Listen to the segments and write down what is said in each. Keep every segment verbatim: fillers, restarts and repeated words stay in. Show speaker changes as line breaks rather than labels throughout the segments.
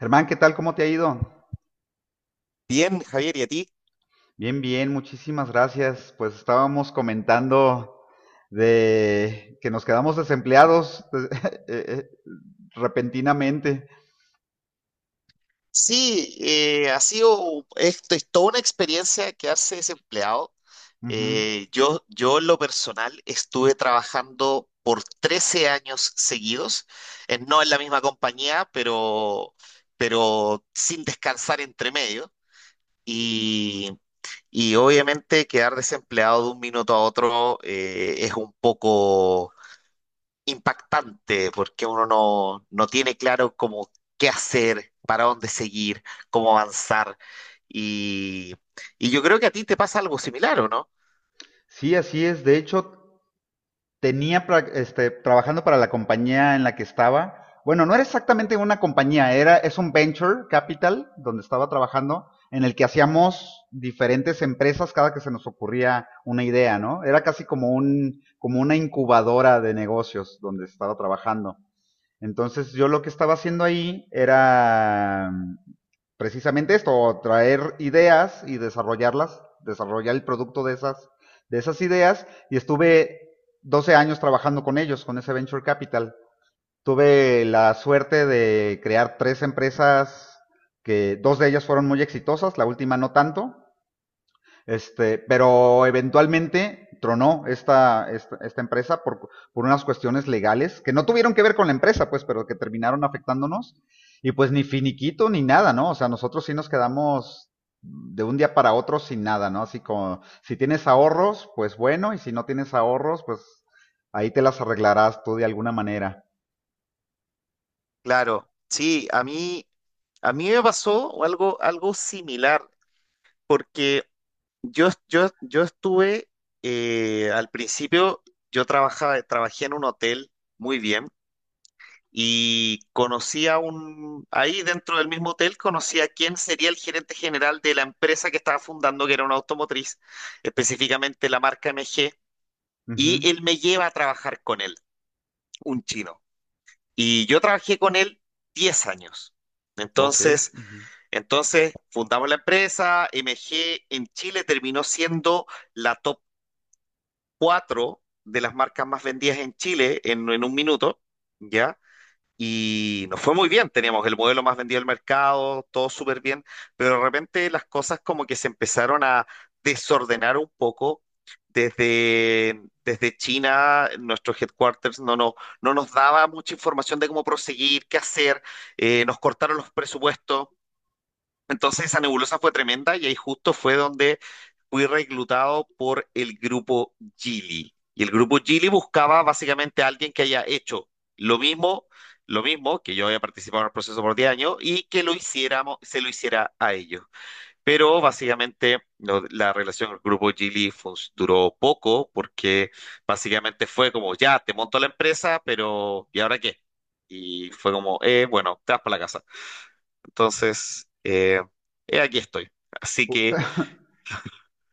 Germán, ¿qué tal? ¿Cómo te ha ido?
Bien, Javier, ¿y a ti?
Bien, bien, muchísimas gracias. Pues estábamos comentando de que nos quedamos desempleados eh, eh, repentinamente.
Sí, eh, ha sido, esto es toda una experiencia quedarse desempleado.
Ujú.
Eh, yo, yo en lo personal estuve trabajando por trece años seguidos, eh, no en la misma compañía, pero, pero sin descansar entre medio. Y, y obviamente quedar desempleado de un minuto a otro eh, es un poco impactante porque uno no, no tiene claro cómo qué hacer, para dónde seguir, cómo avanzar. Y, y yo creo que a ti te pasa algo similar, ¿o no?
Sí, así es. De hecho, tenía este, trabajando para la compañía en la que estaba. Bueno, no era exactamente una compañía, era, es un venture capital donde estaba trabajando, en el que hacíamos diferentes empresas cada que se nos ocurría una idea, ¿no? Era casi como un, como una incubadora de negocios donde estaba trabajando. Entonces yo lo que estaba haciendo ahí era precisamente esto, traer ideas y desarrollarlas, desarrollar el producto de esas, de esas ideas y estuve doce años trabajando con ellos, con ese Venture Capital. Tuve la suerte de crear tres empresas que dos de ellas fueron muy exitosas, la última no tanto, este, pero eventualmente tronó esta, esta, esta empresa por, por unas cuestiones legales que no tuvieron que ver con la empresa, pues, pero que terminaron afectándonos. Y pues ni finiquito ni nada, ¿no? O sea, nosotros sí nos quedamos de un día para otro sin nada, ¿no? Así como, si tienes ahorros, pues bueno, y si no tienes ahorros, pues ahí te las arreglarás tú de alguna manera.
Claro, sí, a mí, a mí me pasó algo, algo similar porque yo, yo, yo estuve, eh, al principio, yo trabajaba, trabajé en un hotel muy bien. Y conocí a un, ahí dentro del mismo hotel, conocí a quién sería el gerente general de la empresa que estaba fundando, que era una automotriz, específicamente la marca M G,
Ujú.
y él me lleva a trabajar con él, un chino. Y yo trabajé con él diez años.
Ok.
Entonces,
Ujú.
entonces fundamos la empresa. M G en Chile terminó siendo la top cuatro de las marcas más vendidas en Chile en, en un minuto, ¿ya? Y nos fue muy bien, teníamos el modelo más vendido del mercado, todo súper bien, pero de repente las cosas como que se empezaron a desordenar un poco. Desde, desde China, nuestro headquarters no, no, no nos daba mucha información de cómo proseguir, qué hacer. Eh, nos cortaron los presupuestos. Entonces esa nebulosa fue tremenda y ahí justo fue donde fui reclutado por el grupo Gili. Y el grupo Gili buscaba básicamente a alguien que haya hecho lo mismo, lo mismo, que yo había participado en el proceso por diez años y que lo hiciéramos, se lo hiciera a ellos. Pero básicamente lo- la relación con el grupo Gili fus- duró poco porque básicamente fue como, ya, te monto la empresa, pero ¿y ahora qué? Y fue como, eh, bueno, te vas para la casa. Entonces, eh, eh, aquí estoy. Así que,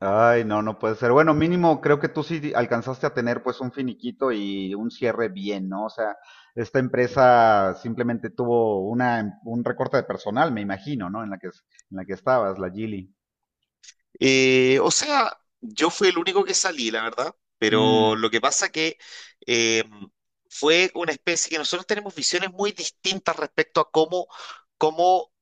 Ay, no, no puede ser. Bueno, mínimo creo que tú sí alcanzaste a tener pues un finiquito y un cierre bien, ¿no? O sea, esta empresa simplemente tuvo una, em, un recorte de personal, me imagino, ¿no? En la que, en la que estabas, la Gili.
eh, o sea, yo fui el único que salí, la verdad, pero
Mm.
lo que pasa que eh, fue una especie que nosotros tenemos visiones muy distintas respecto a cómo, cómo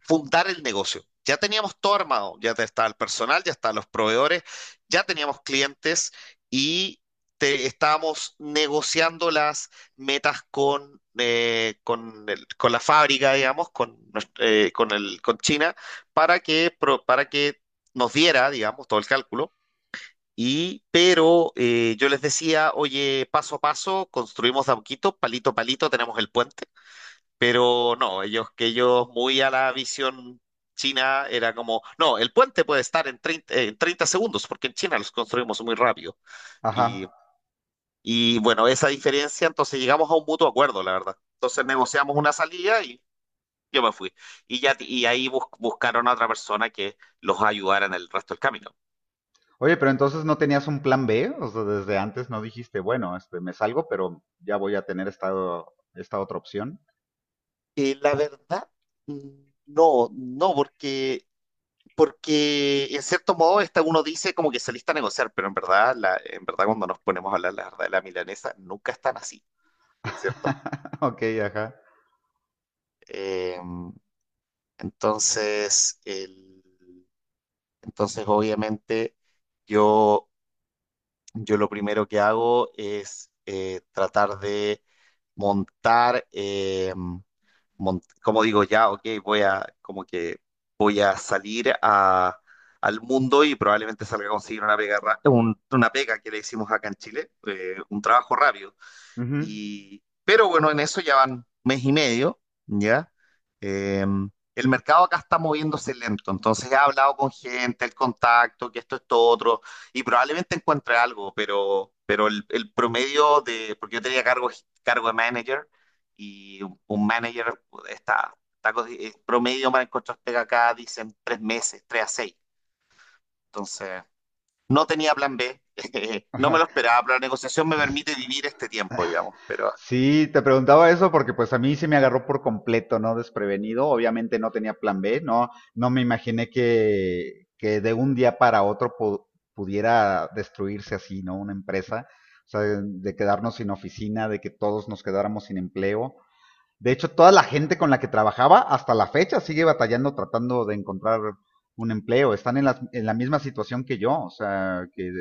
fundar el negocio. Ya teníamos todo armado, ya te- está el personal, ya están los proveedores, ya teníamos clientes y te- estábamos negociando las metas con, eh, con, el- con la fábrica, digamos, con, nues- eh, con, el, con China, para que, pro- para que nos diera, digamos, todo el cálculo. Y, pero eh, yo les decía, oye, paso a paso, construimos de a poquito, palito a palito, tenemos el puente. Pero no, ellos que ellos muy a la visión china era como, no, el puente puede estar en treinta eh, en treinta segundos, porque en China los construimos muy rápido.
Ajá.
Y, y bueno, esa diferencia, entonces llegamos a un mutuo acuerdo, la verdad. Entonces negociamos una salida y yo me fui. Y, ya, y ahí bus- buscaron a otra persona que los ayudara en el resto del camino.
Oye, pero entonces no tenías un plan B, o sea, desde antes no dijiste, bueno, este, me salgo, pero ya voy a tener esta, esta otra opción.
Y la verdad, mm, no, no, porque porque en cierto modo esta uno dice como que saliste a negociar, pero en verdad, la, en verdad cuando nos ponemos a hablar la verdad de la milanesa, nunca están así, ¿cierto?
Ok, ajá.
Eh, entonces, el- entonces obviamente yo, yo lo primero que hago es eh, tratar de montar. Eh, mon- como digo, ya, ok, voy a, como que voy a salir a, al mundo y probablemente salga a conseguir una pega, ra- un- una pega que le hicimos acá en Chile, eh, un trabajo rápido.
Ujú.
Y, pero bueno, en eso ya van mes y medio, ¿ya? Eh, el mercado acá está moviéndose lento, entonces he hablado con gente, el contacto, que esto, esto, otro, y probablemente encuentre algo, pero, pero el, el promedio de, porque yo tenía cargo, cargo de manager y un, un manager está, está co- eh, promedio para encontrar pega acá, dicen tres meses, tres a seis, entonces no tenía plan B, no me lo esperaba, pero la negociación me permite vivir este tiempo, digamos, pero...
Sí, te preguntaba eso porque pues a mí se me agarró por completo, ¿no? Desprevenido. Obviamente no tenía plan B, no, no me imaginé que, que de un día para otro pu- pudiera destruirse así, ¿no? Una empresa, o sea, de, de quedarnos sin oficina, de que todos nos quedáramos sin empleo. De hecho, toda la gente con la que trabajaba hasta la fecha sigue batallando tratando de encontrar un empleo. Están en la, en la misma situación que yo, o sea, que,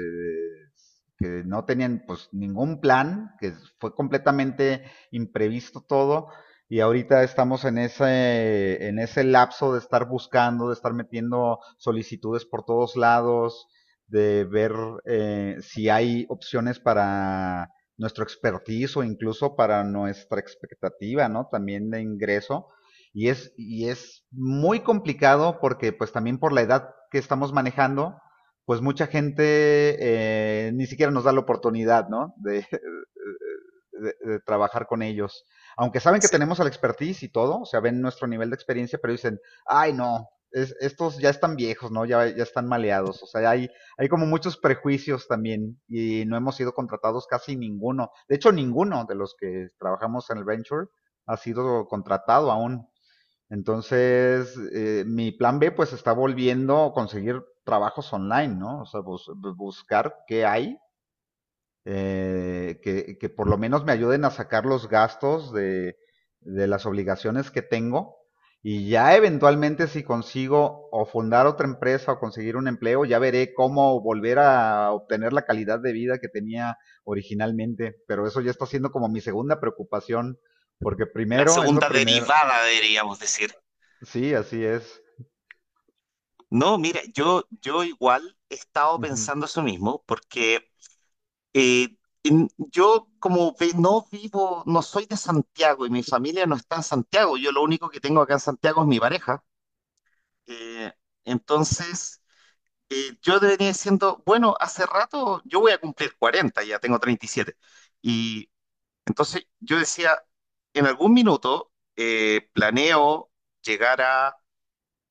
que no tenían pues ningún plan, que fue completamente imprevisto todo y ahorita estamos en ese, en ese lapso de estar buscando, de estar metiendo solicitudes por todos lados, de ver eh, si hay opciones para nuestro expertise o incluso para nuestra expectativa, ¿no? También de ingreso. Y es, y es muy complicado porque pues también por la edad que estamos manejando, pues mucha gente eh, ni siquiera nos da la oportunidad, ¿no? De, de, de, trabajar con ellos. Aunque saben que
Sí.
tenemos el expertise y todo, o sea, ven nuestro nivel de experiencia, pero dicen, ay no, es, estos ya están viejos, ¿no? Ya, ya están maleados. O sea, hay hay como muchos prejuicios también y no hemos sido contratados casi ninguno. De hecho, ninguno de los que trabajamos en el venture ha sido contratado aún. Entonces, eh, mi plan B pues está volviendo a conseguir trabajos online, ¿no? O sea, bus buscar qué hay eh, que, que, por lo menos me ayuden a sacar los gastos de, de las obligaciones que tengo y ya eventualmente si consigo o fundar otra empresa o conseguir un empleo, ya veré cómo volver a obtener la calidad de vida que tenía originalmente. Pero eso ya está siendo como mi segunda preocupación, porque
La
primero es lo
segunda
primero.
derivada, deberíamos decir.
Sí, así es.
No, mira, yo, yo igual he estado
Ujú.
pensando eso mismo, porque eh, en- yo como ve- no vivo, no soy de Santiago y mi familia no está en Santiago, yo lo único que tengo acá en Santiago es mi pareja. Eh, entonces, eh, yo debería diciendo, bueno, hace rato yo voy a cumplir cuarenta, ya tengo treinta y siete. Y siete. Y entonces yo decía, en algún minuto eh, planeo llegar a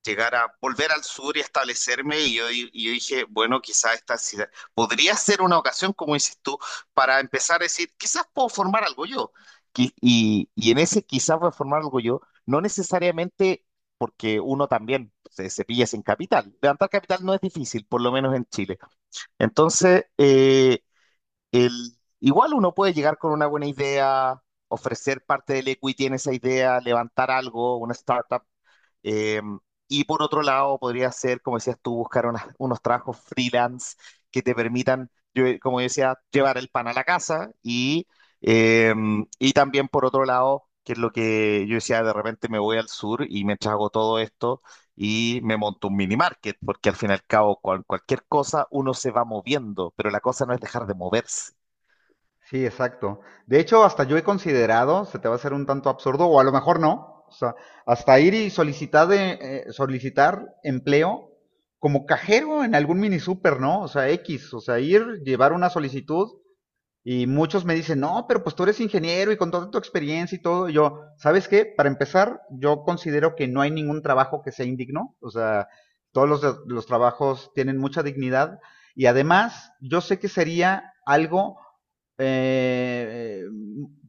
llegar a volver al sur y establecerme y yo, di- y yo dije, bueno, quizás esta ciudad podría ser una ocasión, como dices tú, para empezar a decir, quizás puedo formar algo yo. Qui- Y, y en ese quizás voy a formar algo yo, no necesariamente porque uno también se, se pilla sin capital. Levantar capital no es difícil, por lo menos en Chile. Entonces, eh, el, igual uno puede llegar con una buena idea, ofrecer parte del equity en esa idea, levantar algo, una startup, eh, y por otro lado, podría ser, como decías tú, buscar unas- unos trabajos freelance que te permitan, yo- como decía, llevar el pan a la casa y, eh, y también por otro lado, que es lo que yo decía, de repente me voy al sur y me trago todo esto y me monto un mini market, porque al fin y al cabo, cual- cualquier cosa uno se va moviendo, pero la cosa no es dejar de moverse.
Sí, exacto. De hecho, hasta yo he considerado, se te va a hacer un tanto absurdo, o a lo mejor no, o sea, hasta ir y solicitar, de, eh, solicitar empleo como cajero en algún mini super, ¿no? O sea, X, o sea, ir, llevar una solicitud y muchos me dicen, no, pero pues tú eres ingeniero y con toda tu experiencia y todo. Y yo, ¿sabes qué? Para empezar, yo considero que no hay ningún trabajo que sea indigno. O sea, todos los, los trabajos tienen mucha dignidad. Y además, yo sé que sería algo eh, eh,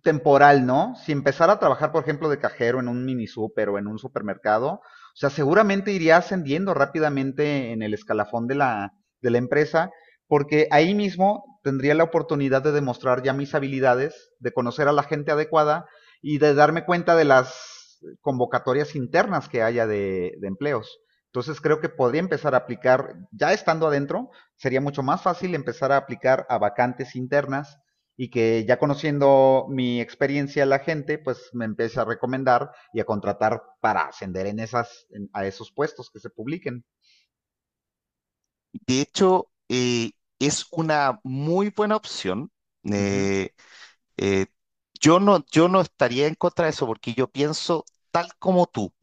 temporal, ¿no? Si empezara a trabajar, por ejemplo, de cajero en un mini super o en un supermercado, o sea, seguramente iría ascendiendo rápidamente en el escalafón de la, de la empresa porque ahí mismo tendría la oportunidad de demostrar ya mis habilidades, de conocer a la gente adecuada y de darme cuenta de las convocatorias internas que haya de, de empleos. Entonces creo que podría empezar a aplicar, ya estando adentro, sería mucho más fácil empezar a aplicar a vacantes internas y que ya conociendo mi experiencia la gente, pues me empiece a recomendar y a contratar para ascender en esas, en- a esos puestos que se publiquen.
De hecho, eh, es una muy buena opción.
Ujú,
eh, Eh, yo no, yo no estaría en contra de eso porque yo pienso tal como tú.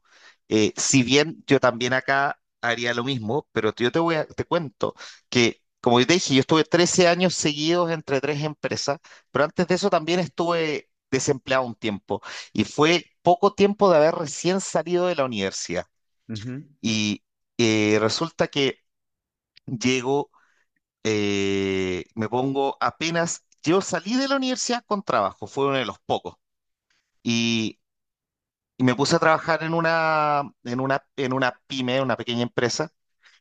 Eh, si bien yo también acá haría lo mismo, pero yo te voy a, te cuento que, como yo te dije, yo estuve trece años seguidos entre tres empresas, pero antes de eso también estuve desempleado un tiempo y fue poco tiempo de haber recién salido de la universidad.
ujú.
Y eh, resulta que llego, eh, me pongo apenas, yo salí de la universidad con trabajo, fue uno de los pocos. Y, y me puse a trabajar en una, en una, en una pyme, una pequeña empresa,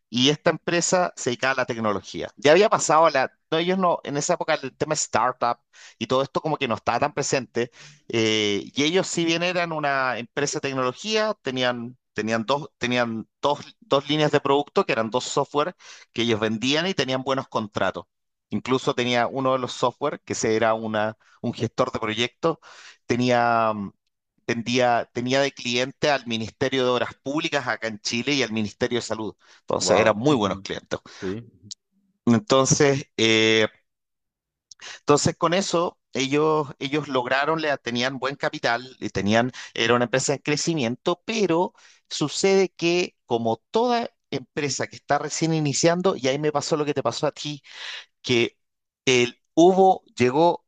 y esta empresa se dedicaba a la tecnología. Ya había pasado a la... No, ellos no, en esa época el tema startup y todo esto como que no estaba tan presente. Eh, y ellos si bien eran una empresa de tecnología, tenían, tenían, dos, tenían dos, dos líneas de producto que eran dos software que ellos vendían y tenían buenos contratos. Incluso tenía uno de los software, que se era una, un gestor de proyectos, tenía, mm, vendía- tenía de cliente al Ministerio de Obras Públicas acá en Chile y al Ministerio de Salud. Entonces eran
Wow.
muy buenos clientes.
Sí,
Entonces, eh, entonces con eso ellos, ellos lograron, le- tenían buen capital, y tenían, era una empresa en crecimiento, pero sucede que como toda empresa que está recién iniciando, y ahí me pasó lo que te pasó a ti, que el, hubo, llegó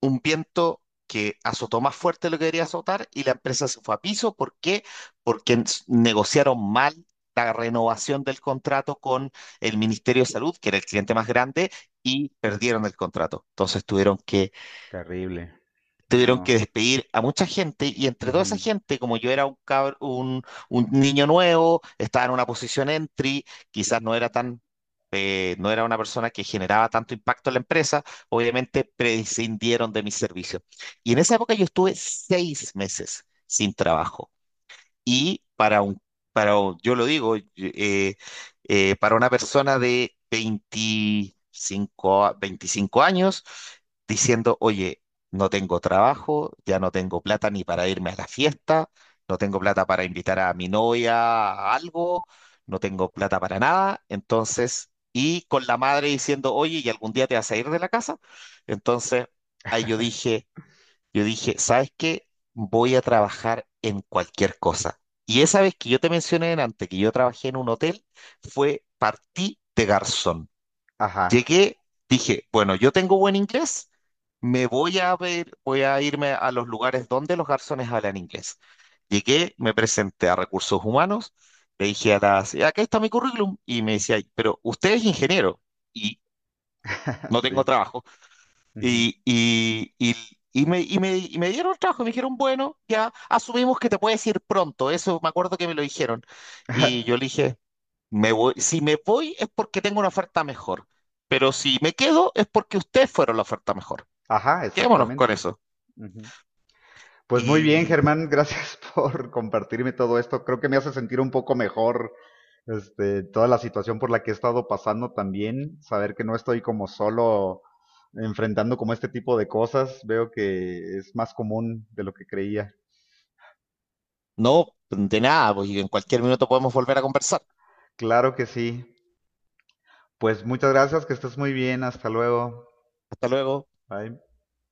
un viento que azotó más fuerte de lo que debería azotar y la empresa se fue a piso. ¿Por qué? Porque ens- negociaron mal la renovación del contrato con el Ministerio de Salud, que era el cliente más grande, y perdieron el contrato. Entonces tuvieron que
terrible.
tuvieron
No.
que despedir a mucha gente y entre toda esa
Ujú.
gente, como yo era un, cabr- un, un niño nuevo, estaba en una posición entry, quizás no era tan, eh, no era una persona que generaba tanto impacto en la empresa, obviamente prescindieron de mis servicios. Y en esa época yo estuve seis meses sin trabajo. Y para un, para, yo lo digo, eh, eh, para una persona de veinticinco a- 25 años, diciendo, oye, no tengo trabajo, ya no tengo plata ni para irme a la fiesta, no tengo plata para invitar a mi novia a algo, no tengo plata para nada, entonces, y con la madre diciendo, oye, ¿y algún día te vas a ir de la casa? Entonces, ahí yo dije... Yo dije, ¿sabes qué? Voy a trabajar en cualquier cosa. Y esa vez que yo te mencioné antes que yo trabajé en un hotel, fue partí de garzón.
Ajá.
Llegué, dije, bueno, yo tengo buen inglés, me voy a ver, voy a irme a los lugares donde los garzones hablan inglés. Llegué, me presenté a recursos humanos, le dije a las, acá está mi currículum, y me decía, pero usted es ingeniero y no tengo
Sí.
trabajo.
Ujú.
Y, y, y, y me, y, me, y me dieron el trabajo, me dijeron, bueno, ya asumimos que te puedes ir pronto, eso me acuerdo que me lo dijeron. Y yo le dije, me voy, si me voy es porque tengo una oferta mejor, pero si me quedo es porque ustedes fueron la oferta mejor.
Ajá,
Quedémonos
exactamente.
con eso.
Ujú. Pues muy bien,
Y
Germán, gracias por compartirme todo esto. Creo que me hace sentir un poco mejor, este, toda la situación por la que he estado pasando también. Saber que no estoy como solo enfrentando como este tipo de cosas. Veo que es más común de lo que creía.
no, de nada, pues y en cualquier minuto podemos volver a conversar.
Claro que sí. Pues muchas gracias, que estés muy bien. Hasta luego.
Hasta luego.
Bye.